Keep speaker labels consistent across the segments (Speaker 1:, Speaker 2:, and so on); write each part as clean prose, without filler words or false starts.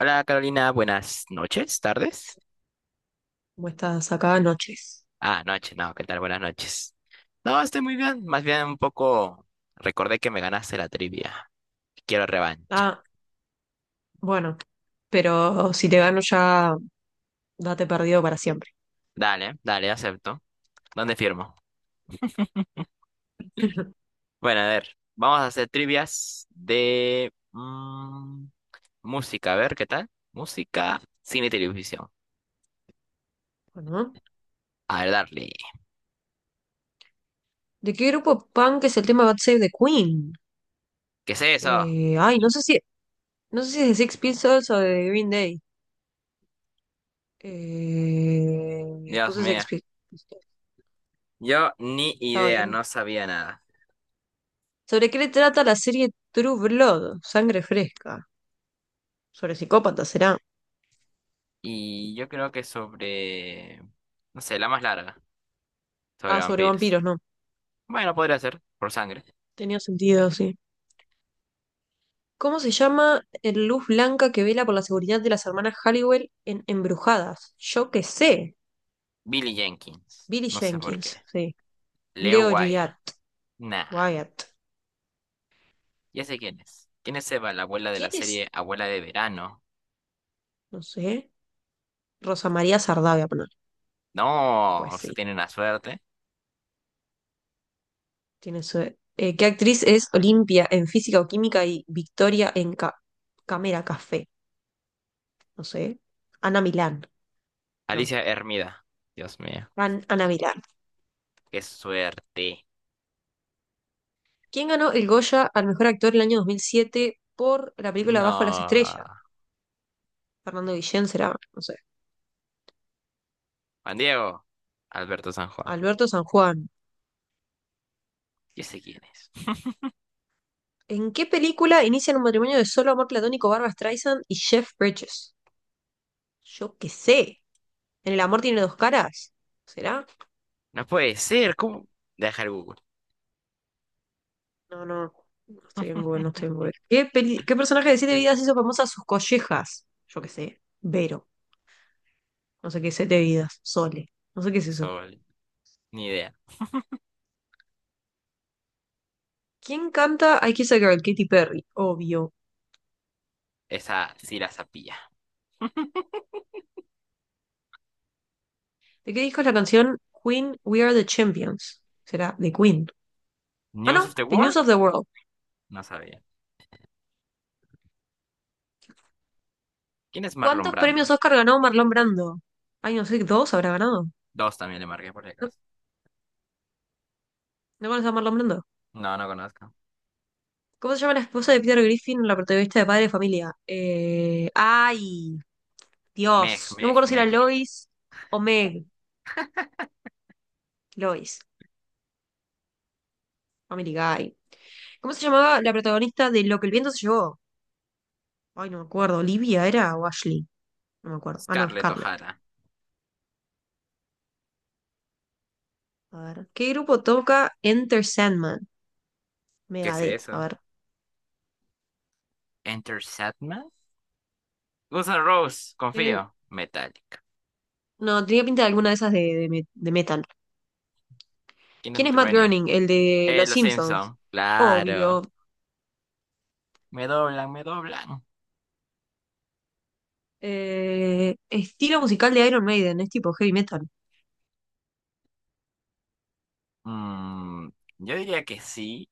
Speaker 1: Hola Carolina, buenas noches, tardes.
Speaker 2: Como estas acá noches.
Speaker 1: Ah, noche, no, ¿qué tal? Buenas noches. No, estoy muy bien, más bien un poco recordé que me ganaste la trivia. Quiero revancha.
Speaker 2: Ah, bueno, pero si te gano ya date perdido para siempre.
Speaker 1: Dale, dale, acepto. ¿Dónde firmo? Bueno, a ver, vamos a hacer trivias de música, a ver, ¿qué tal? Música, cine y televisión.
Speaker 2: Bueno,
Speaker 1: A ver, darle.
Speaker 2: ¿de qué grupo punk es el tema God Save the Queen?
Speaker 1: ¿Qué es eso?
Speaker 2: Ay, no sé si es de Six Pistols o de Green Day. Eh,
Speaker 1: Dios
Speaker 2: puse
Speaker 1: mío.
Speaker 2: Sex Pistols,
Speaker 1: Yo ni
Speaker 2: estaba
Speaker 1: idea,
Speaker 2: bien.
Speaker 1: no sabía nada.
Speaker 2: ¿Sobre qué le trata la serie True Blood? Sangre fresca. Sobre psicópatas, será.
Speaker 1: Y yo creo que sobre, no sé, la más larga. Sobre
Speaker 2: Ah, sobre
Speaker 1: vampiros.
Speaker 2: vampiros, no.
Speaker 1: Bueno, podría ser. Por sangre.
Speaker 2: Tenía sentido, sí. ¿Cómo se llama el luz blanca que vela por la seguridad de las hermanas Halliwell en Embrujadas? Yo qué sé.
Speaker 1: Billy Jenkins.
Speaker 2: Billy
Speaker 1: No sé por
Speaker 2: Jenkins,
Speaker 1: qué.
Speaker 2: sí.
Speaker 1: Leo
Speaker 2: Leo
Speaker 1: Waya.
Speaker 2: Gillard,
Speaker 1: Nah.
Speaker 2: Wyatt.
Speaker 1: Ya sé quién es. ¿Quién es Eva, la abuela de la
Speaker 2: ¿Quién es?
Speaker 1: serie Abuela de Verano?
Speaker 2: No sé. Rosa María Sardá, voy a poner.
Speaker 1: No.
Speaker 2: Pues
Speaker 1: Usted
Speaker 2: sí,
Speaker 1: tiene una suerte.
Speaker 2: tiene su. ¿Qué actriz es Olimpia en Física o Química y Victoria en Cámara Café? No sé. Ana Milán, no.
Speaker 1: Alicia Hermida. Dios mío.
Speaker 2: Ana Milán.
Speaker 1: Qué suerte.
Speaker 2: ¿Quién ganó el Goya al mejor actor el año 2007 por la película Bajo las
Speaker 1: No.
Speaker 2: Estrellas? Fernando Guillén será, no sé.
Speaker 1: Juan Diego. Alberto San Juan.
Speaker 2: Alberto San Juan.
Speaker 1: Ya sé quién es.
Speaker 2: ¿En qué película inician un matrimonio de solo amor platónico Barbra Streisand y Jeff Bridges? Yo qué sé. ¿En el amor tiene dos caras? ¿Será?
Speaker 1: No puede ser. ¿Cómo? Deja el Google.
Speaker 2: No, no. No estoy en Google, no estoy en Google. ¿Qué personaje de Siete Vidas hizo famosa sus collejas? Yo qué sé. Vero. No sé qué es Siete Vidas. Sole. No sé qué es eso.
Speaker 1: Sol. Ni idea.
Speaker 2: ¿Quién canta I Kiss a Girl? Katy Perry. Obvio.
Speaker 1: Esa sí la sapía.
Speaker 2: ¿De qué disco es la canción Queen We Are the Champions? ¿Será? De Queen. Ah,
Speaker 1: ¿News
Speaker 2: no.
Speaker 1: of the
Speaker 2: The
Speaker 1: World?
Speaker 2: News of the World.
Speaker 1: No sabía. ¿Quién es Marlon
Speaker 2: ¿Cuántos premios
Speaker 1: Brando?
Speaker 2: Oscar ganó Marlon Brando? Ay, no sé, ¿dos habrá ganado?
Speaker 1: Dos también le marqué por si
Speaker 2: ¿No,
Speaker 1: acaso.
Speaker 2: no conoces a Marlon Brando?
Speaker 1: No, no conozco.
Speaker 2: ¿Cómo se llama la esposa de Peter Griffin, la protagonista de Padre de Familia? Ay,
Speaker 1: Meg,
Speaker 2: Dios. No me
Speaker 1: Meg,
Speaker 2: acuerdo si era
Speaker 1: Meg.
Speaker 2: Lois o Meg. Lois, Family Guy. ¿Cómo se llamaba la protagonista de Lo que el viento se llevó? Ay, no me acuerdo. ¿Olivia era o Ashley? No me acuerdo. Ah, no,
Speaker 1: Scarlett
Speaker 2: Scarlett.
Speaker 1: O'Hara.
Speaker 2: A ver. ¿Qué grupo toca Enter Sandman?
Speaker 1: ¿Qué es
Speaker 2: Megadeth. A
Speaker 1: eso?
Speaker 2: ver.
Speaker 1: Enter Sandman. Guns N' Roses,
Speaker 2: Tiene-
Speaker 1: confío. Metallica.
Speaker 2: no, tenía pinta de alguna de esas de, de metal.
Speaker 1: Kingdom
Speaker 2: ¿Quién
Speaker 1: of
Speaker 2: es
Speaker 1: the
Speaker 2: Matt
Speaker 1: Raining.
Speaker 2: Groening? El de Los
Speaker 1: Los
Speaker 2: Simpsons.
Speaker 1: Simpson. Claro.
Speaker 2: Obvio.
Speaker 1: Me doblan, me doblan.
Speaker 2: Estilo musical de Iron Maiden, es tipo heavy metal.
Speaker 1: Mm, yo diría que sí,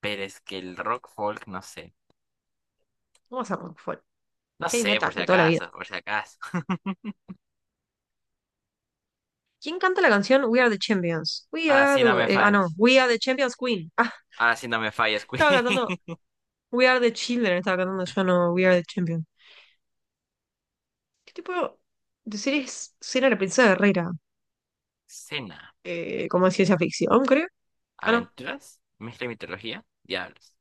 Speaker 1: pero es que el rock folk, no sé.
Speaker 2: Vamos a rock folk.
Speaker 1: No
Speaker 2: Heavy
Speaker 1: sé, por
Speaker 2: metal
Speaker 1: si
Speaker 2: de toda la vida.
Speaker 1: acaso, por si acaso.
Speaker 2: ¿Quién canta la canción We Are the Champions? We
Speaker 1: Ahora
Speaker 2: are
Speaker 1: sí
Speaker 2: the...
Speaker 1: no
Speaker 2: wor-
Speaker 1: me
Speaker 2: ah, no.
Speaker 1: falles.
Speaker 2: We Are the Champions Queen. Ah,
Speaker 1: Ahora sí no me falles,
Speaker 2: estaba
Speaker 1: Queen.
Speaker 2: cantando We Are the Children. Estaba cantando yo, no. We Are the Champions. ¿Qué tipo de serie es Cena la Princesa Guerrera?
Speaker 1: Cena.
Speaker 2: Como de ciencia ficción, creo. Ah, no.
Speaker 1: ¿Aventuras? ¿Mezcla de mitología? Diablos.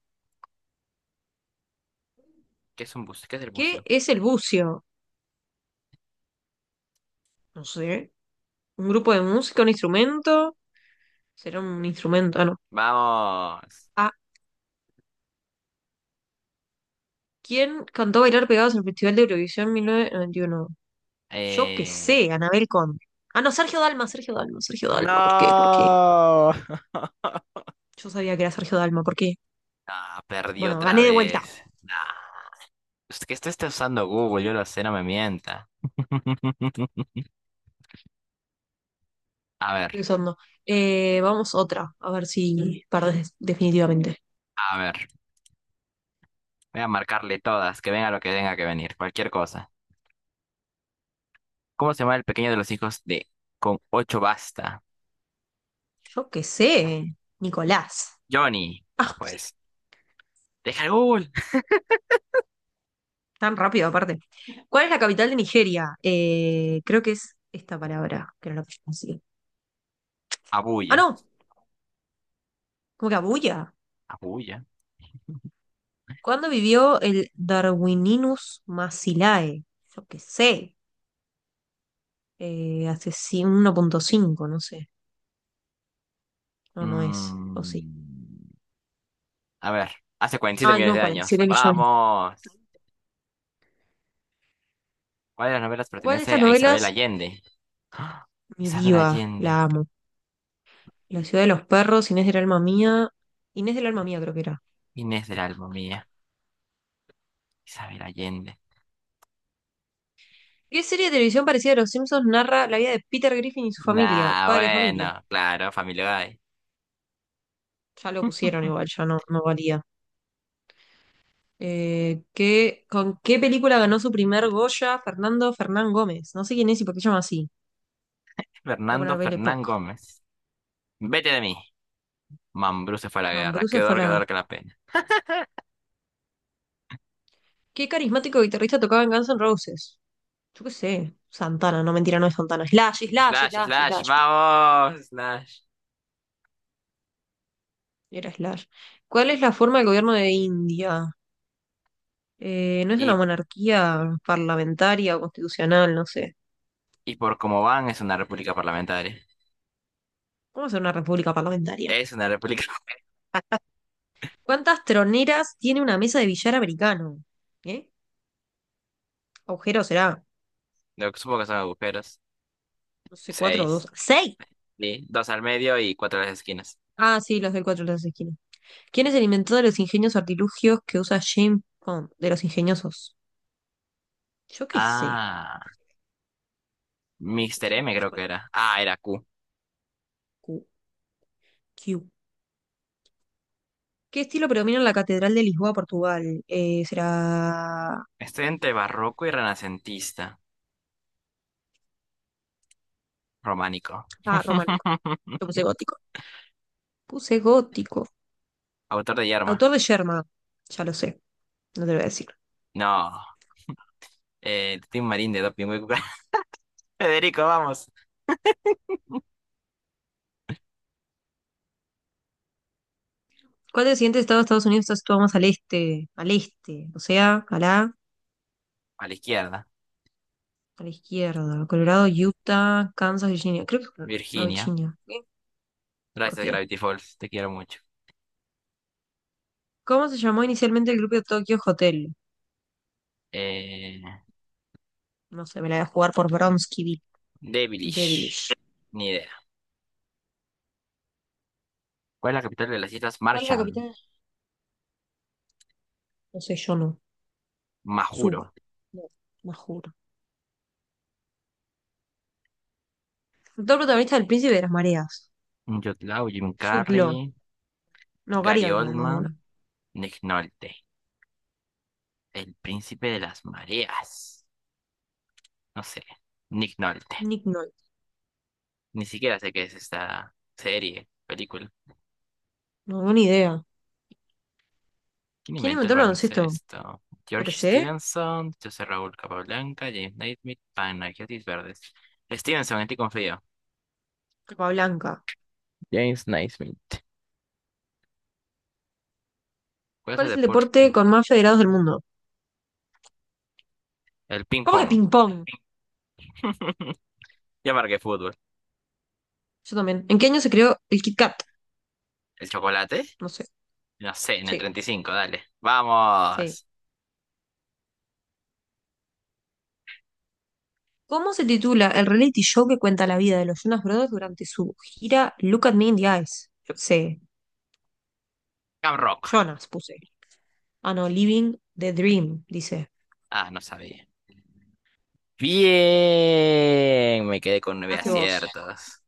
Speaker 1: ¿Qué es un bucio? ¿Qué es el
Speaker 2: ¿Qué
Speaker 1: bucio?
Speaker 2: es el bucio? No sé. ¿Un grupo de música? ¿Un instrumento? ¿Será un instrumento? Ah, no.
Speaker 1: Vamos.
Speaker 2: ¿Quién cantó Bailar Pegados en el Festival de Eurovisión 1991? Yo qué
Speaker 1: Eh,
Speaker 2: sé, Anabel Conde. Ah, no, Sergio Dalma, Sergio Dalma, Sergio Dalma. ¿Por qué? ¿Por qué?
Speaker 1: No.
Speaker 2: Yo sabía que era Sergio Dalma. ¿Por qué?
Speaker 1: Ah, perdí
Speaker 2: Bueno,
Speaker 1: otra
Speaker 2: gané de vuelta.
Speaker 1: vez. Ah, es que esto está usando Google, yo lo sé, no me mienta. A ver,
Speaker 2: Estoy usando. Vamos otra, a ver si perdés definitivamente.
Speaker 1: a ver. Voy a marcarle todas, que venga lo que tenga que venir, cualquier cosa. ¿Cómo se llama el pequeño de los hijos de con ocho basta?
Speaker 2: Yo qué sé, Nicolás.
Speaker 1: Johnny. No
Speaker 2: Ah, sí,
Speaker 1: pues. Deja el Google.
Speaker 2: tan rápido aparte. ¿Cuál es la capital de Nigeria? Creo que es esta palabra, que no la puse así. Ah,
Speaker 1: Abuya.
Speaker 2: no, como que Abuya.
Speaker 1: Abuya.
Speaker 2: ¿Cuándo vivió el Darwininus Massilae? Yo qué sé, hace 1,5, no sé. No, no es, o sí.
Speaker 1: Mm, a ver, hace 47
Speaker 2: Ay,
Speaker 1: millones
Speaker 2: no,
Speaker 1: de
Speaker 2: cuarenta y
Speaker 1: años.
Speaker 2: siete millones.
Speaker 1: Vamos. ¿Cuál de las novelas
Speaker 2: ¿Cuál de
Speaker 1: pertenece
Speaker 2: estas
Speaker 1: a Isabel
Speaker 2: novelas?
Speaker 1: Allende? ¡Ah!
Speaker 2: Mi
Speaker 1: Isabel
Speaker 2: diva, la
Speaker 1: Allende.
Speaker 2: amo. La ciudad de los perros, Inés del alma mía. Inés del alma mía creo que era.
Speaker 1: Inés del alma mía. Isabel Allende.
Speaker 2: ¿Qué serie de televisión parecida a Los Simpsons narra la vida de Peter Griffin y su familia?
Speaker 1: Nah,
Speaker 2: Padre de familia.
Speaker 1: bueno, claro, Familia Guy.
Speaker 2: Ya lo pusieron igual, ya no, no valía. ¿Con qué película ganó su primer Goya Fernando Fernán Gómez? No sé quién es y por qué se llama así. Voy a
Speaker 1: Fernando
Speaker 2: poner Baile Pop.
Speaker 1: Fernán Gómez. Vete de mí. Mambrú se fue a la guerra. Qué
Speaker 2: Mambruse fue
Speaker 1: dolor, qué
Speaker 2: la.
Speaker 1: dolor, qué la pena.
Speaker 2: Qué carismático guitarrista tocaba en Guns N' Roses. Yo qué sé. Santana, no mentira, no es Santana. Slash, Slash,
Speaker 1: Slash,
Speaker 2: Slash,
Speaker 1: slash,
Speaker 2: Slash.
Speaker 1: vamos, slash.
Speaker 2: Era Slash. ¿Cuál es la forma del gobierno de India? No es una
Speaker 1: Y,
Speaker 2: monarquía parlamentaria o constitucional, no sé.
Speaker 1: y por cómo van, es una república parlamentaria.
Speaker 2: ¿Cómo ser una república parlamentaria?
Speaker 1: Es una república.
Speaker 2: ¿Cuántas troneras tiene una mesa de billar americano? ¿Eh? ¿Agujero será?
Speaker 1: Lo que supongo que son agujeros.
Speaker 2: No sé, cuatro o
Speaker 1: Seis.
Speaker 2: dos. ¡Seis!
Speaker 1: ¿Sí? Dos al medio y cuatro a las esquinas.
Speaker 2: Ah, sí, los del cuatro, los de las esquinas. ¿Quién es el inventor de los ingenios artilugios que usa James Bond? De los ingeniosos. Yo qué sé.
Speaker 1: Ah. Mister M creo que era. Ah, era Q.
Speaker 2: Q, Q. ¿Qué estilo predomina en la Catedral de Lisboa, Portugal? Será.
Speaker 1: Estoy entre barroco y renacentista. Románico.
Speaker 2: Ah, románico. Yo puse gótico. Puse gótico.
Speaker 1: Autor de Yerma.
Speaker 2: Autor de Sherman. Ya lo sé, no te lo voy a decir.
Speaker 1: No. Tim Marín de Doping Hueco. Federico, vamos.
Speaker 2: ¿Cuál del siguiente estado de Estados Unidos está situado más al este? Al este. O sea, a la,
Speaker 1: A la izquierda.
Speaker 2: a la izquierda. Colorado, Utah, Kansas, Virginia. Creo que es no,
Speaker 1: Virginia.
Speaker 2: Virginia. ¿Qué? ¿Por
Speaker 1: Gracias,
Speaker 2: qué?
Speaker 1: Gravity Falls. Te quiero mucho.
Speaker 2: ¿Cómo se llamó inicialmente el grupo de Tokyo Hotel?
Speaker 1: Eh,
Speaker 2: No sé, me la voy a jugar por Bronsky Devilish.
Speaker 1: Devilish. Ni idea. ¿Cuál es la capital de las Islas
Speaker 2: ¿Cuál es la
Speaker 1: Marshall?
Speaker 2: capital? No sé, yo no.
Speaker 1: Majuro.
Speaker 2: Suba. No, me juro. Actor protagonista del Príncipe de las Mareas.
Speaker 1: Yotlao, Jim
Speaker 2: Jude Law.
Speaker 1: Carrey.
Speaker 2: No, Gary
Speaker 1: Gary
Speaker 2: Oldman, más bueno.
Speaker 1: Oldman. Nick Nolte. El príncipe de las mareas. No sé. Nick Nolte.
Speaker 2: Nick Nolte.
Speaker 1: Ni siquiera sé qué es esta serie, película.
Speaker 2: No tengo ni idea.
Speaker 1: ¿Quién
Speaker 2: ¿Quién
Speaker 1: inventó
Speaker 2: inventó
Speaker 1: el
Speaker 2: el baloncesto?
Speaker 1: baloncesto?
Speaker 2: Lo que
Speaker 1: George
Speaker 2: sé.
Speaker 1: Stevenson, José Raúl Capablanca, James Naismith, Panagiotis Verdes. Stevenson, en ti confío.
Speaker 2: Blanca.
Speaker 1: James Naismith. ¿Cuál es
Speaker 2: ¿Cuál
Speaker 1: el
Speaker 2: es el
Speaker 1: deporte?
Speaker 2: deporte con más federados del mundo?
Speaker 1: El
Speaker 2: ¿Cómo que
Speaker 1: ping-pong.
Speaker 2: ping-pong?
Speaker 1: Ya marqué fútbol.
Speaker 2: Yo también. ¿En qué año se creó el Kit Kat?
Speaker 1: ¿El chocolate?
Speaker 2: No sé.
Speaker 1: No sé, en el
Speaker 2: Sí,
Speaker 1: 35, dale.
Speaker 2: sí.
Speaker 1: ¡Vamos!
Speaker 2: ¿Cómo se titula el reality show que cuenta la vida de los Jonas Brothers durante su gira Look at Me in the Eyes? Yo qué sé.
Speaker 1: Cam Rock.
Speaker 2: Jonas puse. Ah, no, Living the Dream, dice.
Speaker 1: Ah, no sabía. Bien, me quedé con 9
Speaker 2: Hazte vos.
Speaker 1: aciertos.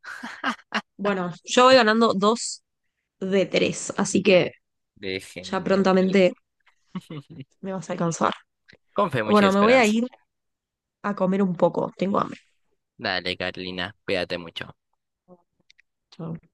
Speaker 2: Bueno, yo voy ganando dos de tres, así que ya
Speaker 1: Déjenme.
Speaker 2: prontamente me vas a alcanzar.
Speaker 1: Con fe, mucha
Speaker 2: Bueno, me voy a
Speaker 1: esperanza.
Speaker 2: ir a comer un poco, tengo hambre.
Speaker 1: Dale, Carolina, cuídate mucho.
Speaker 2: Chau.